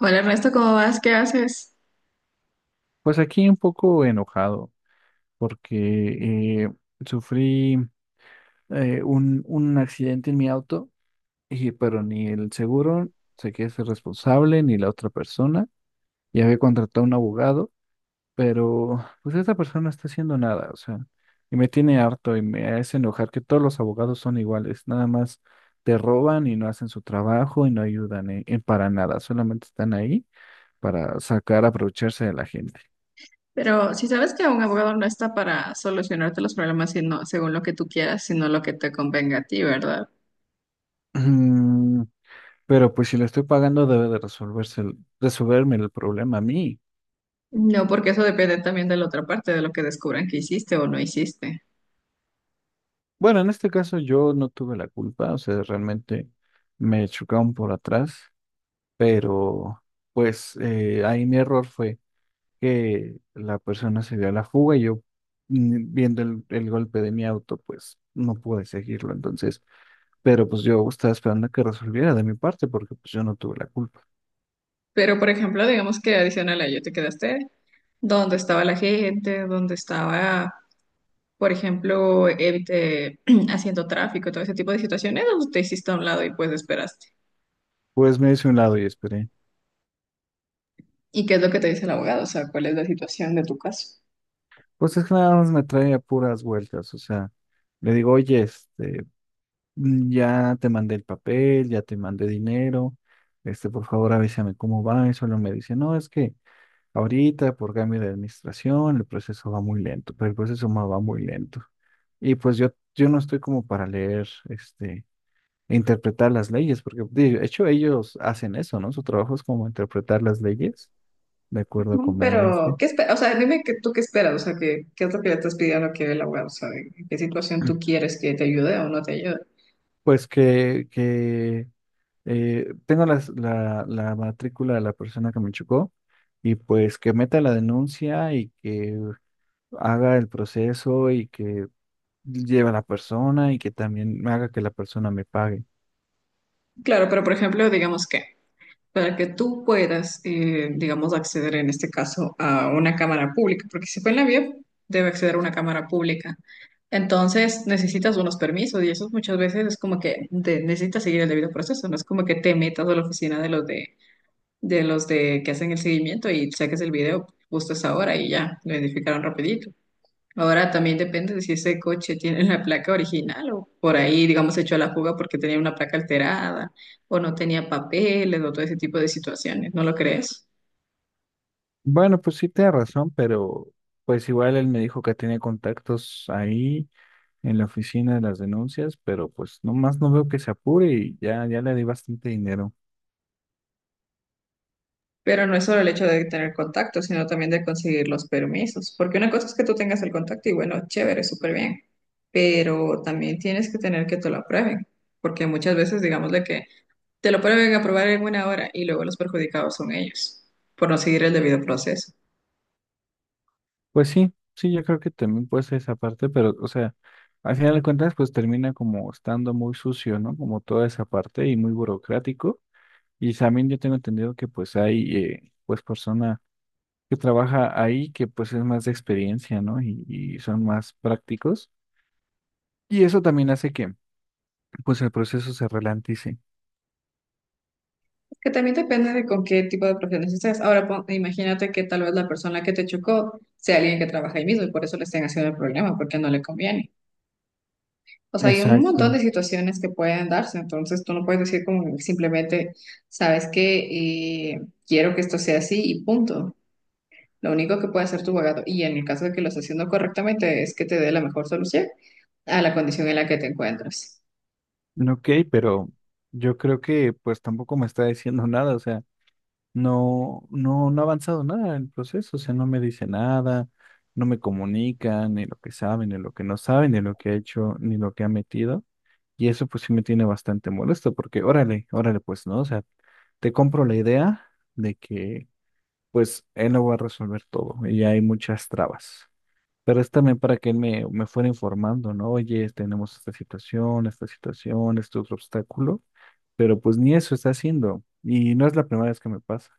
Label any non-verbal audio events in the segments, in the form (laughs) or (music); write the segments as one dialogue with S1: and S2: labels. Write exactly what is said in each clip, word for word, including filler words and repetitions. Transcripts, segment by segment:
S1: Hola Ernesto, ¿cómo vas? ¿Qué haces?
S2: Pues aquí un poco enojado porque eh, sufrí eh, un, un accidente en mi auto, y, pero ni el seguro se quiere ser responsable, ni la otra persona. Ya había contratado un abogado, pero pues esta persona no está haciendo nada, o sea, y me tiene harto y me hace enojar que todos los abogados son iguales, nada más te roban y no hacen su trabajo y no ayudan en- en para nada, solamente están ahí para sacar, aprovecharse de la gente.
S1: Pero si sabes que un abogado no está para solucionarte los problemas sino, según lo que tú quieras, sino lo que te convenga a ti, ¿verdad?
S2: (clears throat) Pero pues si le estoy pagando debe de resolverse el- resolverme el problema a mí.
S1: No, porque eso depende también de la otra parte, de lo que descubran que hiciste o no hiciste.
S2: Bueno, en este caso yo no tuve la culpa, o sea, realmente me chocaron por atrás, pero pues eh, ahí mi error fue que la persona se dio a la fuga y yo mm, viendo el, el golpe de mi auto, pues no pude seguirlo. Entonces, pero pues yo estaba esperando que resolviera de mi parte porque pues yo no tuve la culpa.
S1: Pero, por ejemplo, digamos que adicional a ello te quedaste dónde estaba la gente, dónde estaba, por ejemplo, evi- eh, (clears throat) haciendo tráfico y todo ese tipo de situaciones, o te hiciste a un lado y pues esperaste.
S2: Pues me hice a un lado y esperé.
S1: ¿Y qué es lo que te dice el abogado? O sea, ¿cuál es la situación de tu caso?
S2: Pues es que nada más me trae a puras vueltas, o sea, le digo, oye, este, mm, ya te mandé el papel, ya te mandé dinero, este, por favor avísame cómo va, y solo me dice, no, es que ahorita por cambio de administración el proceso va muy lento, pero el proceso ma- va muy lento. Y pues yo, yo no estoy como para leer, este, e interpretar las leyes, porque de hecho ellos hacen eso, ¿no? Su trabajo es como interpretar las leyes de acuerdo a
S1: Mm,
S2: conveniencia.
S1: pero, ¿qué esperas? O sea, dime que, tú qué esperas, o sea, ¿qué, qué es lo que le estás pidiendo a que el abogado, o sea, ¿en qué situación tú
S2: (clears throat)
S1: quieres que te ayude o no te ayude?
S2: Pues que, que Eh, tengo las- la, la matrícula de la persona que me chocó y pues que meta la denuncia y que haga el proceso y que lleve a la persona y que también haga que la persona me pague.
S1: Claro, pero por ejemplo, digamos que para que tú puedas, eh, digamos, acceder en este caso a una cámara pública, porque si fue en la vía, debe acceder a una cámara pública. Entonces necesitas unos permisos y eso muchas veces es como que de- necesitas seguir el debido proceso, no es como que te metas a la oficina de los de, de los de que hacen el seguimiento y saques el video justo a esa hora y ya, lo identificaron rapidito. Ahora también depende de si ese coche tiene la placa original o por ahí, digamos, se echó a la fuga porque tenía una placa alterada o no tenía papeles o todo ese tipo de situaciones, ¿no lo crees?
S2: Bueno, pues sí tiene razón, pero pues igual él me dijo que tiene contactos ahí en la oficina de las denuncias, pero pues nomás no veo que se apure y ya, ya le di bastante dinero.
S1: Pero no es solo el hecho de tener contacto, sino también de conseguir los permisos, porque una cosa es que tú tengas el contacto y bueno, chévere, súper bien, pero también tienes que tener que te lo aprueben, porque muchas veces, digamos, de que te lo pueden aprobar en una hora y luego los perjudicados son ellos por no seguir el debido proceso.
S2: Pues sí, sí, yo creo que también puede ser esa parte, pero, o sea, al final de cuentas, pues termina como estando muy sucio, ¿no? Como toda esa parte y muy burocrático. Y también yo tengo entendido que pues hay, eh, pues persona que trabaja ahí que pues es más de experiencia, ¿no? Y, y son más prácticos. Y eso también hace que pues el proceso se ralentice.
S1: Que también depende de con qué tipo de profesiones estés. Ahora, pon- imagínate que tal vez la persona que te chocó sea alguien que trabaja ahí mismo y por eso le estén haciendo el problema, porque no le conviene. O sea, hay un montón
S2: Exacto.
S1: de situaciones que pueden darse, entonces tú no puedes decir como simplemente, sabes que quiero que esto sea así y punto. Lo único que puede hacer tu abogado, y en el caso de que lo esté haciendo correctamente, es que te dé la mejor solución a la condición en la que te encuentras.
S2: Ok, pero yo creo que pues tampoco me está diciendo (laughs) nada, o sea. No, no, no ha avanzado nada el proceso, o sea, no me dice nada, no me comunica ni lo que sabe, ni lo que no sabe, ni lo que ha hecho, ni lo que ha metido. Y eso pues sí me tiene bastante molesto, porque órale, órale, pues, ¿no? O sea, te compro la idea de que pues él lo va a resolver todo y hay muchas trabas. Pero es también para que él me, me fuera informando, ¿no? Oye, tenemos esta situación, esta situación, este otro obstáculo, pero pues ni eso está haciendo. Y no es la primera vez que me pasa.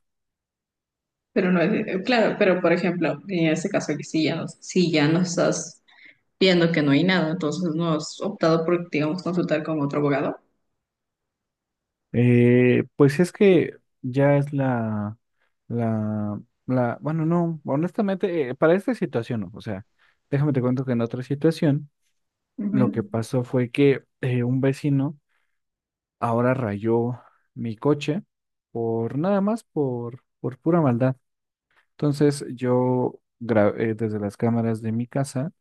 S1: Pero no es, claro, pero por ejemplo, en este caso, que si ya no, si ya no estás viendo que no hay nada, entonces no has optado por, digamos, consultar con otro abogado.
S2: Eh, pues es que ya es la, la, la, bueno, no, honestamente, eh, para esta situación, no, o sea, déjame te cuento que en otra situación, lo que
S1: Ujú.
S2: pasó fue que eh, un vecino ahora rayó mi coche por nada más, por, por pura maldad. Entonces yo gra- eh, desde las cámaras de mi casa,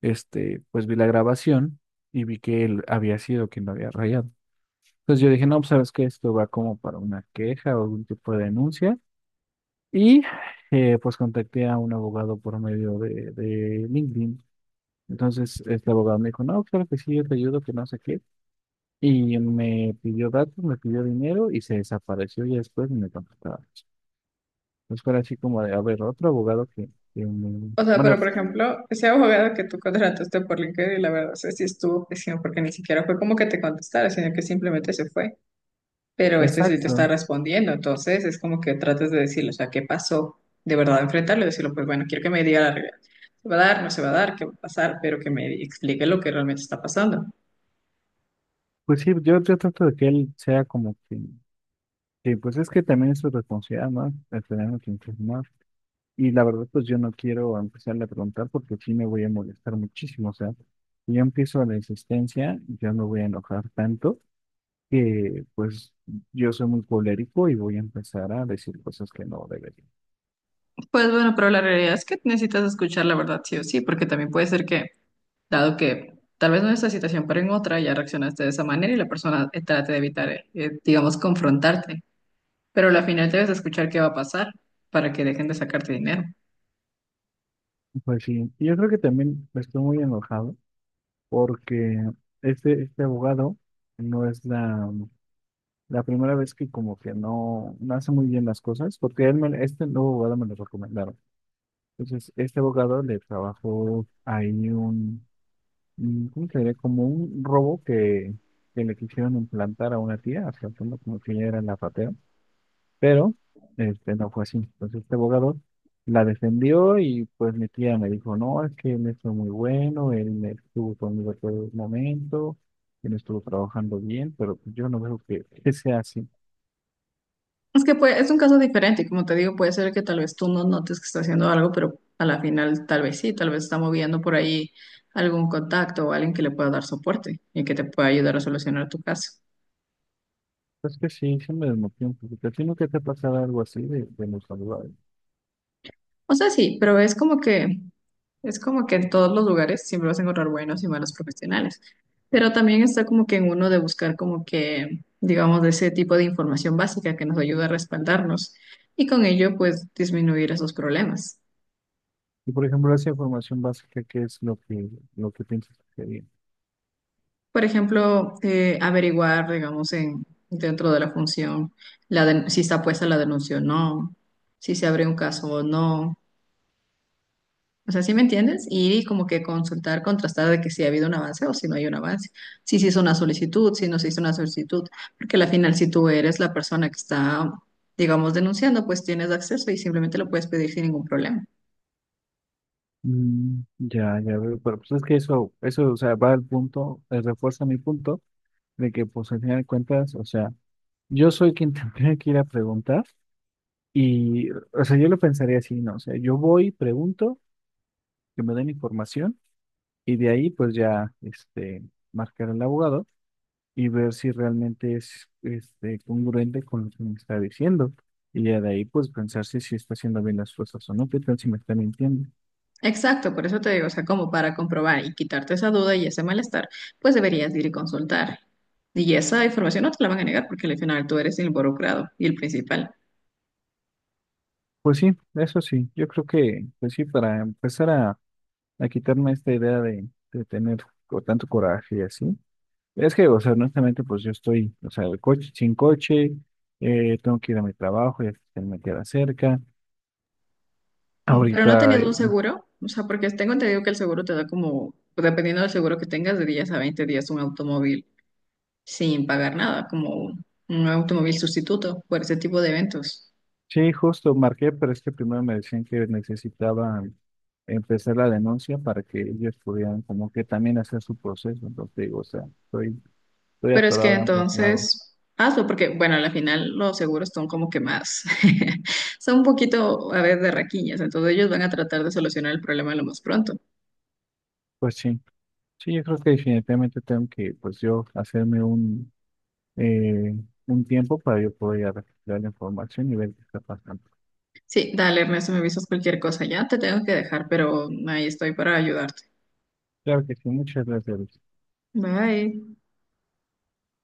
S2: este, pues vi la grabación y vi que él había sido quien lo había rayado. Pues yo dije, no, pues sabes que esto va como para una queja o algún tipo de denuncia. Y eh, pues contacté a un abogado por medio de, de LinkedIn. Entonces este abogado me dijo, no, claro que sí, yo te ayudo, que no sé qué. Y me pidió datos, me pidió dinero y se desapareció y después ni me contactaba. Entonces fue así como de, a ver, otro abogado que, que me-
S1: O sea,
S2: Bueno,
S1: pero por ejemplo, ese abogado que tú contrataste por LinkedIn, la verdad, no sé si estuvo pésimo porque ni siquiera fue como que te contestara, sino que simplemente se fue. Pero este sí te está
S2: exacto.
S1: respondiendo, entonces es como que tratas de decirle, o sea, ¿qué pasó? De verdad, enfrentarlo y decirle, pues bueno, quiero que me diga la realidad. ¿Se va a dar? ¿No se va a dar? ¿Qué va a pasar? Pero que me explique lo que realmente está pasando.
S2: Pues sí, yo, yo trato de que él sea como que... que, pues es que también es su responsabilidad, ¿no? El tener que informar. Y la verdad, pues yo no quiero empezarle a preguntar porque sí me voy a molestar muchísimo. O sea, si yo empiezo la insistencia, yo me voy a enojar tanto que pues yo soy muy colérico y voy a empezar a decir cosas que no debería.
S1: Pues bueno, pero la realidad es que necesitas escuchar la verdad sí o sí, porque también puede ser que dado que tal vez no en esta situación, pero en otra ya reaccionaste de esa manera y la persona eh, trate de evitar, eh, eh, digamos, confrontarte. Pero al final debes escuchar qué va a pasar para que dejen de sacarte dinero.
S2: Pues sí, y yo creo que también estoy muy enojado porque este, este abogado no es la, la primera vez que como que no, no hace muy bien las cosas porque él me- este nuevo abogado me lo recomendaron. Entonces, este abogado le trabajó ahí un, mm, ¿cómo se diría? Como un robo que, que le quisieron implantar a una tía, tratando como que ella era la ratera, pero este, no fue así. Entonces este abogado la defendió y pues mi tía me dijo, no, es que él es muy bueno, él estuvo conmigo todo el momento, él estuvo trabajando bien, pero pues, yo no veo que, que sea así.
S1: Es que puede- es un caso diferente y como te digo, puede ser que tal vez tú no notes que está haciendo algo, pero a la final tal vez sí, tal vez está moviendo por ahí algún contacto o alguien que le pueda dar soporte y que te pueda ayudar a solucionar tu caso.
S2: Es que sí, se me desmotivó un poquito. ¿A ti nunca te ha pasado algo así de, de los abogados?
S1: O sea, sí, pero es como que es como que en todos los lugares siempre vas a encontrar buenos y malos profesionales, pero también está como que en uno de buscar como que, digamos, de ese tipo de información básica que nos ayuda a respaldarnos y con ello pues disminuir esos problemas.
S2: Y por ejemplo, esa información básica, ¿qué es lo que, lo que piensas que sería?
S1: Por ejemplo, eh, averiguar, digamos, en, dentro de la función la den- si está puesta la denuncia o no, si se abre un caso o no. O sea, ¿sí me entiendes? Y como que consultar, contrastar de que si ha habido un avance o si no hay un avance, si se hizo una solicitud, si no se hizo una solicitud, porque al final si tú eres la persona que está, digamos, denunciando, pues tienes acceso y simplemente lo puedes pedir sin ningún problema.
S2: Mm, ya, ya veo, pero pues es que eso, eso, o sea, va al punto, eh, refuerza mi punto de que, pues, al final de cuentas, o sea, yo soy quien (laughs) tendría que ir a preguntar y, o sea, yo lo pensaría así, ¿no? O sea, yo voy, pregunto, que me den información y de ahí, pues, ya, este, marcar al abogado y ver si realmente es, este, congruente con lo que me está diciendo y ya de ahí, pues, pensar si, si está haciendo bien las cosas o no, qué tal si me está mintiendo.
S1: Exacto, por eso te digo, o sea, como para comprobar y quitarte esa duda y ese malestar, pues deberías de ir y consultar. Y esa información no te la van a negar porque al final tú eres el involucrado y el principal.
S2: Pues sí, eso sí, yo creo que, pues sí, para empezar a, a quitarme esta idea de, de tener co- tanto coraje y así. Es que, o sea, honestamente, pues yo estoy, o sea, el coche, sin coche, eh, tengo que ir a mi trabajo, ya que me queda cerca.
S1: Mm, pero no
S2: Ahorita,
S1: tenías un
S2: eh,
S1: seguro, o sea, porque tengo entendido que el seguro te da como, dependiendo del seguro que tengas, de diez a veinte días un automóvil sin pagar nada, como un automóvil sustituto por ese tipo de eventos.
S2: sí, justo marqué, pero es que primero me decían que necesitaba empezar la denuncia para que ellos pudieran como que también hacer su proceso. Entonces, digo, o sea, estoy, estoy
S1: Pero es que
S2: atorado de ambos lados.
S1: entonces, hazlo, porque bueno, al final los seguros son como que más, (laughs) son un poquito a veces de raquiñas, entonces ellos van a tratar de solucionar el problema lo más pronto.
S2: Pues sí. Sí, yo creo que definitivamente tengo que, pues yo, hacerme un, eh, un tiempo para yo poder ir a recopilar la información y ver qué está pasando.
S1: Sí, dale, Ernesto, me avisas cualquier cosa ya, te tengo que dejar, pero ahí estoy para ayudarte.
S2: Claro que sí, muchas gracias.
S1: Bye.